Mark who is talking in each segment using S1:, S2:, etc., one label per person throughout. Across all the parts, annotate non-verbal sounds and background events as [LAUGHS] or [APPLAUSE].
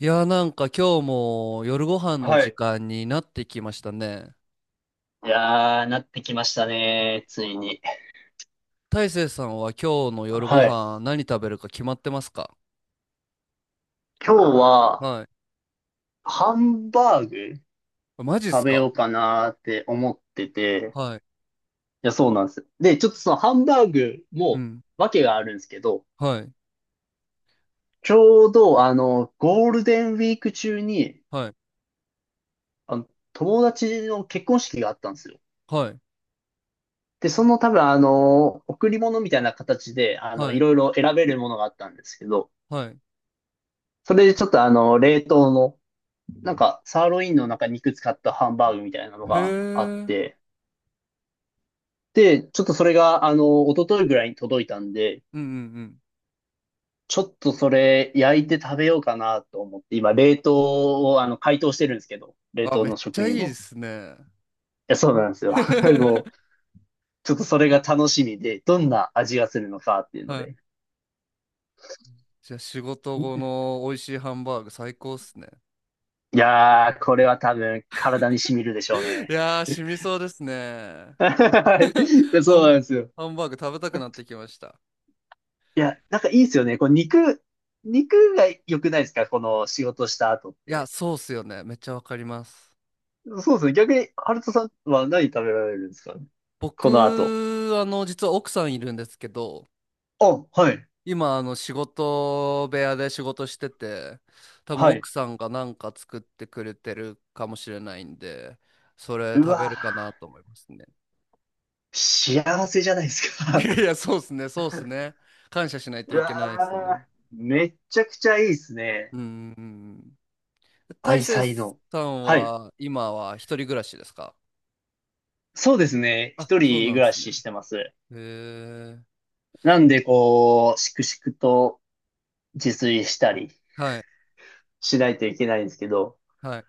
S1: いやー、なんか今日も夜ご飯の
S2: は
S1: 時
S2: い。
S1: 間になってきましたね。
S2: いやー、なってきましたね。ついに。
S1: 大成さんは今日の夜ご
S2: はい。
S1: 飯何食べるか決まってますか？
S2: 今日は、
S1: は
S2: ハンバーグ
S1: い。マジっ
S2: 食
S1: す
S2: べよ
S1: か？
S2: うかなーって思ってて、
S1: はい。
S2: いや、そうなんです。で、ちょっとそのハンバーグ
S1: う
S2: も、
S1: ん。
S2: わけがあるんですけど、
S1: はい。
S2: ちょうど、ゴールデンウィーク中に、
S1: はい。
S2: あの、友達の結婚式があったんですよ。
S1: はい。
S2: で、その多分、贈り物みたいな形で、
S1: は
S2: い
S1: い。
S2: ろいろ選べるものがあったんですけど、
S1: はい。
S2: それでちょっと冷凍のサーロインの中に肉使ったハンバーグみたいなの
S1: へえ。
S2: があっ
S1: うん
S2: て、で、ちょっとそれが、一昨日ぐらいに届いたんで、
S1: うんうん。
S2: ちょっとそれ焼いて食べようかなと思って、今、冷凍を、解凍してるんですけど、冷
S1: あ、
S2: 凍
S1: めっ
S2: の
S1: ち
S2: 食
S1: ゃい
S2: 品
S1: いで
S2: も。
S1: すね。
S2: いや、そうなんですよ。[LAUGHS] でもう、
S1: [LAUGHS]
S2: ちょっとそれが楽しみで、どんな味がするのかっていうの
S1: はい。
S2: で。
S1: じゃあ仕事後の美味しいハンバーグ最高っすね。
S2: いやー、これは多分、体に染みるでしょう
S1: [LAUGHS] い
S2: ね。
S1: やー、染みそうですね。
S2: [LAUGHS] はい。
S1: ハ
S2: そう
S1: ン、
S2: なんですよ。
S1: ハンバーグ食べたくなってきました。
S2: いや、なんかいいですよね。肉が良くないですかこの仕事した後っ
S1: いや、
S2: て。
S1: そうっすよね。めっちゃわかります。
S2: そうですね。逆に、ハルトさんは何食べられるんですかこの後。
S1: 僕、実は奥さんいるんですけど、
S2: あ、はい。
S1: 今、仕事部屋で仕事してて、多分
S2: はい。
S1: 奥さんがなんか作ってくれてるかもしれないんで、それ
S2: う
S1: 食べ
S2: わ
S1: るかなと思いますね。
S2: ー、幸せじゃないです
S1: [LAUGHS] い
S2: か。
S1: やいや、そうですね、そうですね。感謝しない
S2: [LAUGHS]
S1: と
S2: う
S1: いけないです
S2: わ
S1: ね。
S2: ー、めっちゃくちゃいいですね。
S1: うん。大
S2: 愛
S1: 成
S2: 妻の。
S1: さん
S2: はい。
S1: は、今は一人暮らしですか？
S2: そうですね。
S1: あ、
S2: 一
S1: そう
S2: 人
S1: なん
S2: 暮
S1: で
S2: ら
S1: すね。
S2: ししてます。
S1: へえ。
S2: なんで、こう、しくしくと自炊したり
S1: はい、
S2: しないといけないんですけど、
S1: はい。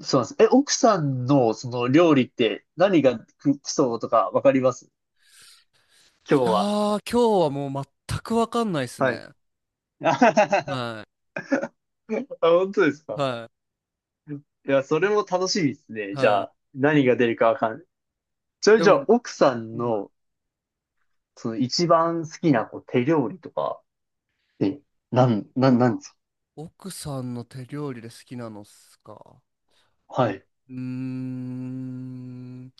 S2: そうなんです。え、奥さんのその料理って何が基礎とかわかります今
S1: い
S2: 日
S1: や
S2: は。
S1: ー、今日はもう全くわかんないです
S2: はい。
S1: ね。
S2: [LAUGHS] あ、
S1: は
S2: 本当です
S1: い。
S2: か。
S1: はい
S2: いや、それも楽しみですね。じゃ
S1: は
S2: あ、何が出るかわかんない。そ
S1: い。
S2: れ
S1: で
S2: じゃ
S1: も、
S2: あ、奥さん
S1: うん。
S2: の、その一番好きなこう手料理とかってなんですか
S1: 奥さんの手料理で好きなのっすか。う
S2: は
S1: ん、
S2: い。
S1: うーん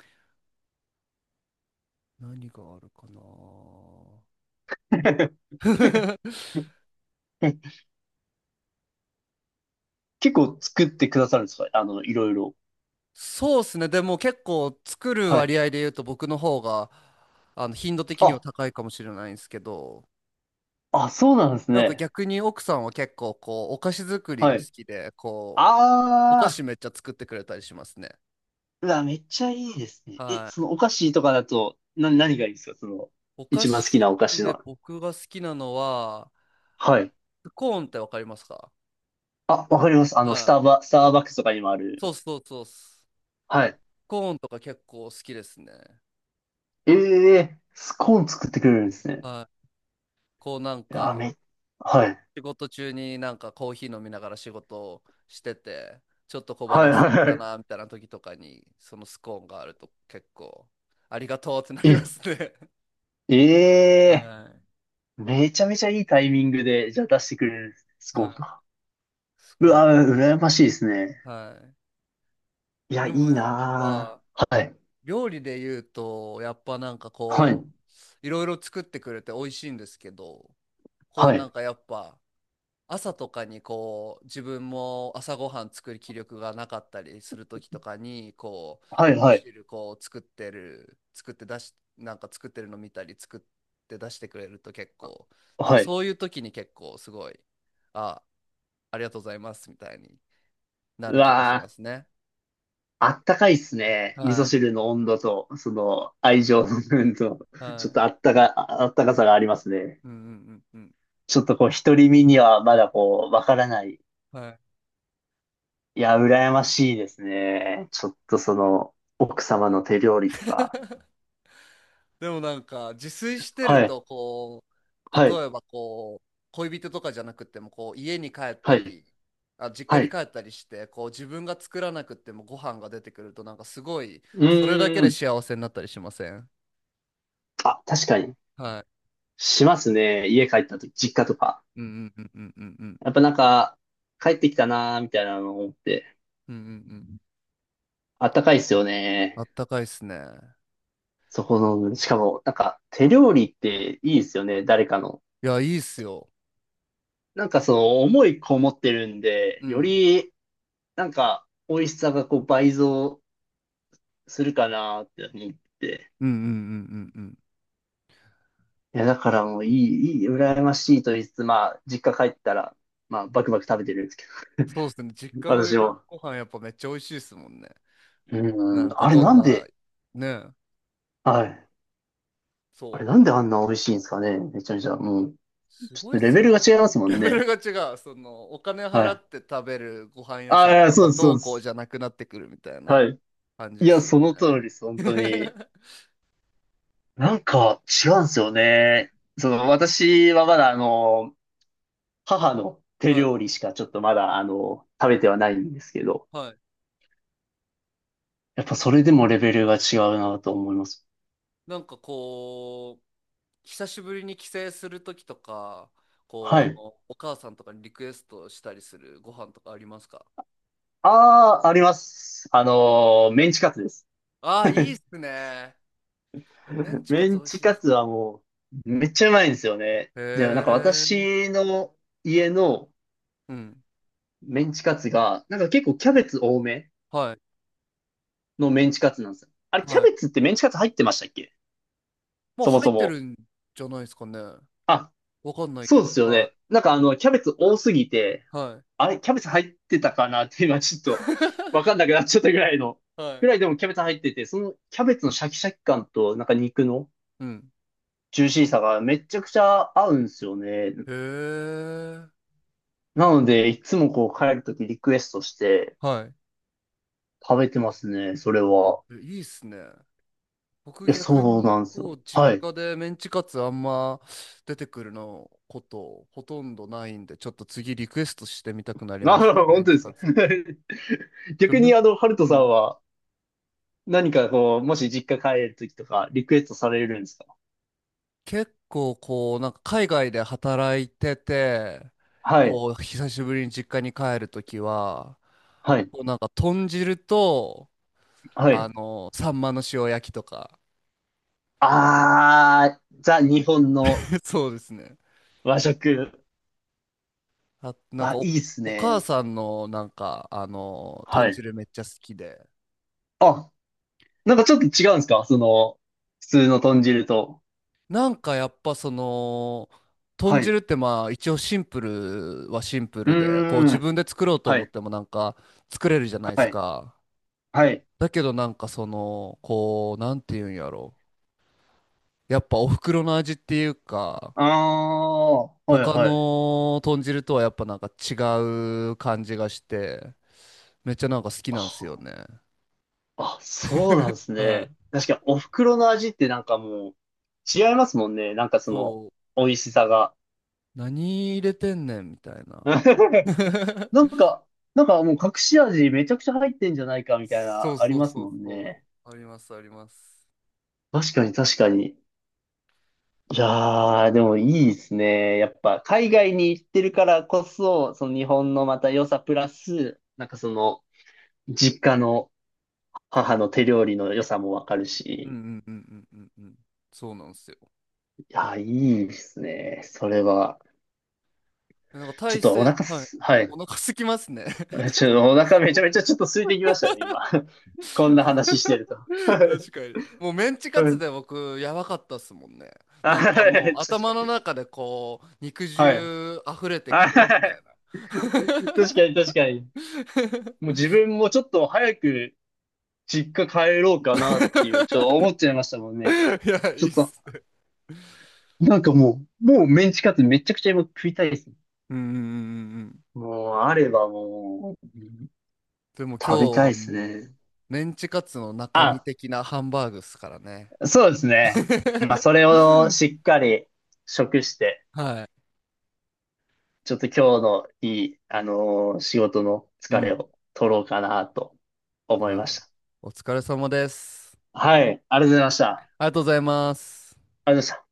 S1: 何があるかな。
S2: [LAUGHS]
S1: [LAUGHS]
S2: 結構作ってくださるんですかいろいろ。
S1: そうっすね。でも結構作る
S2: はい。
S1: 割合で言うと僕の方があの頻度的には
S2: あ、
S1: 高いかもしれないんですけど、
S2: あ、そうなんです
S1: なんか
S2: ね。
S1: 逆に奥さんは結構こうお菓子作り
S2: は
S1: が好
S2: い。
S1: きで、こうお
S2: あ
S1: 菓子
S2: あ、
S1: めっちゃ作ってくれたりしますね。
S2: うわ、めっちゃいいですね。え、
S1: は
S2: そ
S1: い。
S2: のお菓子とかだと、何がいいですかその、
S1: お菓
S2: 一番好き
S1: 子
S2: なお菓子
S1: で
S2: の。
S1: 僕が好きなのは、
S2: はい。
S1: スコーンってわかりますか？
S2: あ、わかります。あの、ス
S1: は
S2: ターバ、スターバックスとかにもあ
S1: い。
S2: る。
S1: そうそうそうっす。
S2: はい。
S1: コーンとか結構好きですね。
S2: ええスコーン作ってくれるんですね。
S1: はい。こうなん
S2: いや、
S1: か、
S2: め、はい。
S1: 仕事中になんかコーヒー飲みながら仕事をしてて、ちょっと小
S2: は
S1: 腹
S2: い
S1: 空い
S2: はい
S1: た
S2: は
S1: な、みたいな時とかに、そのスコーンがあると結構、ありがとうってな
S2: い。
S1: りま
S2: え、
S1: すね。[LAUGHS]
S2: ええ
S1: は
S2: めちゃめちゃいいタイミングで、じゃあ出してくれるんですねス
S1: い。
S2: コ
S1: は
S2: ーンと
S1: い。
S2: か。
S1: ス
S2: うわ、
S1: コ
S2: 羨ましいですね。
S1: ーン。は
S2: いや、
S1: い。で
S2: い
S1: も
S2: い
S1: やっ
S2: な
S1: ぱ、
S2: ぁ。はい。
S1: 料理で言うと、やっぱなんか
S2: はい。
S1: こう、いろいろ作ってくれて美味しいんですけど、こう
S2: は
S1: な
S2: い。
S1: んかやっぱ、朝とかにこう自分も朝ごはん作る気力がなかったりする時とかにこ
S2: は
S1: う
S2: い
S1: 味噌
S2: はい。
S1: 汁こう作ってる作って出しなんか作ってるの見たり作って出してくれると結構なんか
S2: はい。
S1: そういう時に結構すごいあありがとうございますみたいにな
S2: う
S1: る気がしま
S2: わぁ。
S1: すね。
S2: あったかいっすね。味噌
S1: は
S2: 汁の温度と、その愛情の部分と、
S1: い
S2: ちょ
S1: は
S2: っとあ
S1: い。
S2: ったか、ああったかさがありますね。
S1: うんうんうんうん。
S2: ちょっとこう、独り身にはまだこう、わからない。
S1: はい。
S2: いや、羨ましいですね。ちょっとその、奥様の手料理とか。
S1: でもなんか自炊してる
S2: はい、
S1: とこ
S2: は
S1: う
S2: い、
S1: 例えばこう恋人とかじゃなくてもこう家に帰っ
S2: は
S1: た
S2: い、
S1: り、あ実家
S2: は
S1: に
S2: い。
S1: 帰ったりしてこう自分が作らなくてもご飯が出てくるとなんかすごい
S2: う
S1: それだけ
S2: ー
S1: で
S2: ん。
S1: 幸せになったりしません？
S2: あ、確かに。
S1: は
S2: しますね。家帰った時、実家とか。
S1: い。うんうんうんうんうん
S2: やっぱなんか、帰ってきたなーみたいなのを思って。
S1: うんうんうんうん。
S2: あったかいっすよ
S1: あ
S2: ね。
S1: ったかいっすね。
S2: そこの、しかも、なんか、手料理っていいですよね、誰かの。
S1: いや、いいっすよ。
S2: なんかその、思いこもってるんで、
S1: う
S2: よ
S1: ん
S2: り、なんか、美味しさがこう倍増するかなって思って。
S1: うんうんうんうんうん。
S2: いや、だからもういい、いい、羨ましいと言いつつ、まあ、実家帰ったら、まあ、バクバク食べてるんですけ
S1: そうっすね、実
S2: ど、[LAUGHS]
S1: 家の
S2: 私も。
S1: ご飯やっぱめっちゃ美味しいっすもんね。
S2: う
S1: な
S2: ん、
S1: んか
S2: あれ
S1: どん
S2: なん
S1: な、
S2: で、
S1: ね。
S2: はい。あれ
S1: そ
S2: なんであんな美味しいんですかね、めちゃめちゃ。もう、
S1: う、す
S2: ち
S1: ご
S2: ょ
S1: い
S2: っと
S1: っ
S2: レ
S1: す
S2: ベル
S1: よ。
S2: が違いますも
S1: レ
S2: ん
S1: ベル
S2: ね。
S1: が違う。その、お金
S2: は
S1: 払
S2: い。
S1: って食べるご飯屋さ
S2: あ
S1: ん
S2: あ、
S1: と
S2: そう
S1: か、
S2: です、そう
S1: どう
S2: で
S1: こう
S2: す。
S1: じゃなくなってくるみたいな
S2: はい。
S1: 感じ
S2: い
S1: で
S2: や、
S1: す
S2: そ
S1: よ
S2: の通りです、
S1: ね。
S2: 本当に。
S1: [LAUGHS]
S2: なんか違うんですよね。その、私はまだあの、母の手
S1: はい、
S2: 料理しかちょっとまだあの、食べてはないんですけど、
S1: はい。
S2: やっぱそれでもレベルが違うなと思います。
S1: なんかこう、久しぶりに帰省するときとか、こう、
S2: は
S1: あ
S2: い。
S1: の、お母さんとかにリクエストしたりするご飯とかありますか？
S2: ああ、あります。あのー、メンチカツです。
S1: ああー、いいっすね。いやメンチカ
S2: メ
S1: ツ
S2: ン
S1: 美味し
S2: チ
S1: いで
S2: カ
S1: す
S2: ツ
S1: ね。
S2: はもう、めっちゃうまいんですよね。で、なんか
S1: へえ。
S2: 私の家の
S1: うん。
S2: メンチカツが、なんか結構キャベツ多め
S1: はい、
S2: のメンチカツなんですよ。あれ、キャ
S1: はい。
S2: ベツってメンチカツ入ってましたっけ
S1: もう
S2: そも
S1: 入っ
S2: そ
S1: て
S2: も。
S1: るんじゃないですかね。
S2: あ、
S1: わかんない
S2: そ
S1: け
S2: う
S1: ど。
S2: ですよ
S1: は
S2: ね。なんかあの、キャベツ多すぎて、
S1: い、はい。
S2: あれ、キャベツ入ってたかなって今ちょっとわ
S1: [LAUGHS]
S2: かんなくなっちゃったぐらいの、
S1: は
S2: ぐ
S1: い。
S2: らいでもキャベツ入ってて、そのキャベツのシャキシャキ感となんか肉の
S1: うん。
S2: ジューシーさがめちゃくちゃ合うんですよね。
S1: へえ。
S2: なので、いつもこう帰るときリクエストして
S1: はい。
S2: 食べてますね、それは。
S1: え、いいっすね。僕
S2: いや、
S1: 逆
S2: そう
S1: に
S2: なんです
S1: こ
S2: よ。
S1: う実
S2: はい。
S1: 家でメンチカツあんま出てくるのことほとんどないんでちょっと次リクエストしてみたくなりま
S2: あ、
S1: したメ
S2: 本
S1: ン
S2: 当
S1: チ
S2: です
S1: カ
S2: か。
S1: ツ。
S2: [LAUGHS]
S1: で
S2: 逆
S1: も、
S2: にあの、ハルト
S1: う
S2: さん
S1: ん、
S2: は何かこう、もし実家帰るときとかリクエストされるんですか
S1: 結構こうなんか海外で働いてて
S2: はい、
S1: こう久しぶりに実家に帰るときは
S2: はい、
S1: こうなんか豚汁と、
S2: は
S1: あ
S2: い。
S1: のサンマの塩焼きとか。
S2: あー、ザ・日本の
S1: [LAUGHS] そうですね。
S2: 和食。
S1: あ、
S2: あ、いいっす
S1: お母
S2: ね。
S1: さんのなんかあの
S2: は
S1: 豚
S2: い。
S1: 汁めっちゃ好きで、
S2: あ、なんかちょっと違うんですかその、普通の豚汁と。
S1: なんかやっぱその豚
S2: はい。
S1: 汁ってまあ一応シンプルはシンプ
S2: う
S1: ルでこう
S2: ー
S1: 自
S2: ん。
S1: 分で作ろうと
S2: は
S1: 思っ
S2: い、
S1: てもなんか作れるじゃないで
S2: は
S1: す
S2: い、
S1: か。
S2: はい。
S1: だけどなんかそのこうなんていうんやろ、やっぱお袋の味っていうか
S2: あー、はい、
S1: 他
S2: はい。
S1: の豚汁とはやっぱなんか違う感じがしてめっちゃなんか好きなんですよね。
S2: あ、そうなんで
S1: [LAUGHS]
S2: す
S1: は
S2: ね。
S1: い。
S2: 確かにお袋の味ってなんかもう違いますもんね。なんかその
S1: そう、
S2: 美味しさが。
S1: 何入れてんねんみたいな。
S2: [LAUGHS] なん
S1: [LAUGHS]
S2: か、なんかもう隠し味めちゃくちゃ入ってんじゃないかみたい
S1: そう
S2: な、あり
S1: そう
S2: ます
S1: そう
S2: もん
S1: そ
S2: ね。
S1: う。ありますあります。
S2: 確かに確かに。いやー、でもいいですね。やっぱ海外に行ってるからこそ、その日本のまた良さプラス、なんかその実家の母の手料理の良さもわかる
S1: うんう
S2: し。
S1: んうんうんうんうん。そうなんですよ。
S2: いやー、いいですね。それは。
S1: なんか
S2: ちょっ
S1: 体
S2: とお
S1: 勢、
S2: 腹
S1: はい。
S2: す、はい。
S1: お腹すきますね。
S2: ちょっとお腹めちゃめちゃちょっと空いてきましたね、今。[LAUGHS] こんな話してると。
S1: [LAUGHS] 確か
S2: [LAUGHS]
S1: に。もうメンチ
S2: う
S1: カツ
S2: ん
S1: で僕やばかったっすもんね。
S2: あ
S1: なんか
S2: は
S1: も
S2: い
S1: う
S2: 確
S1: 頭の
S2: かに。
S1: 中でこう肉
S2: はい。
S1: 汁溢れてく
S2: あ [LAUGHS]
S1: るみたい
S2: 確か
S1: な。
S2: に
S1: [LAUGHS]
S2: 確かに。もう自分もちょっと早く実家帰ろうかなっていう、ちょっと思っちゃいましたもん
S1: い
S2: ね。
S1: や、い
S2: ち
S1: い
S2: ょっ
S1: っ
S2: と、
S1: すね。
S2: もうメンチカツめちゃくちゃ今食いたいですね。
S1: うんうんうんうんうん。
S2: もう、あればもう、うん
S1: でも今日
S2: 食べたい
S1: は
S2: です
S1: も
S2: ね。
S1: う、メンチカツの中身
S2: あ、
S1: 的なハンバーグっすからね。
S2: そうですね。まあ、
S1: [LAUGHS]
S2: それをしっかり食して、
S1: はい。
S2: ちょっと今日のいい、あのー仕事の
S1: う
S2: 疲れ
S1: ん。
S2: を取ろうかなと
S1: い
S2: 思いま
S1: や、
S2: した。
S1: お疲れ様です。
S2: はい、ありがとうございました。あ
S1: ありがとうございます。
S2: りがとうございました。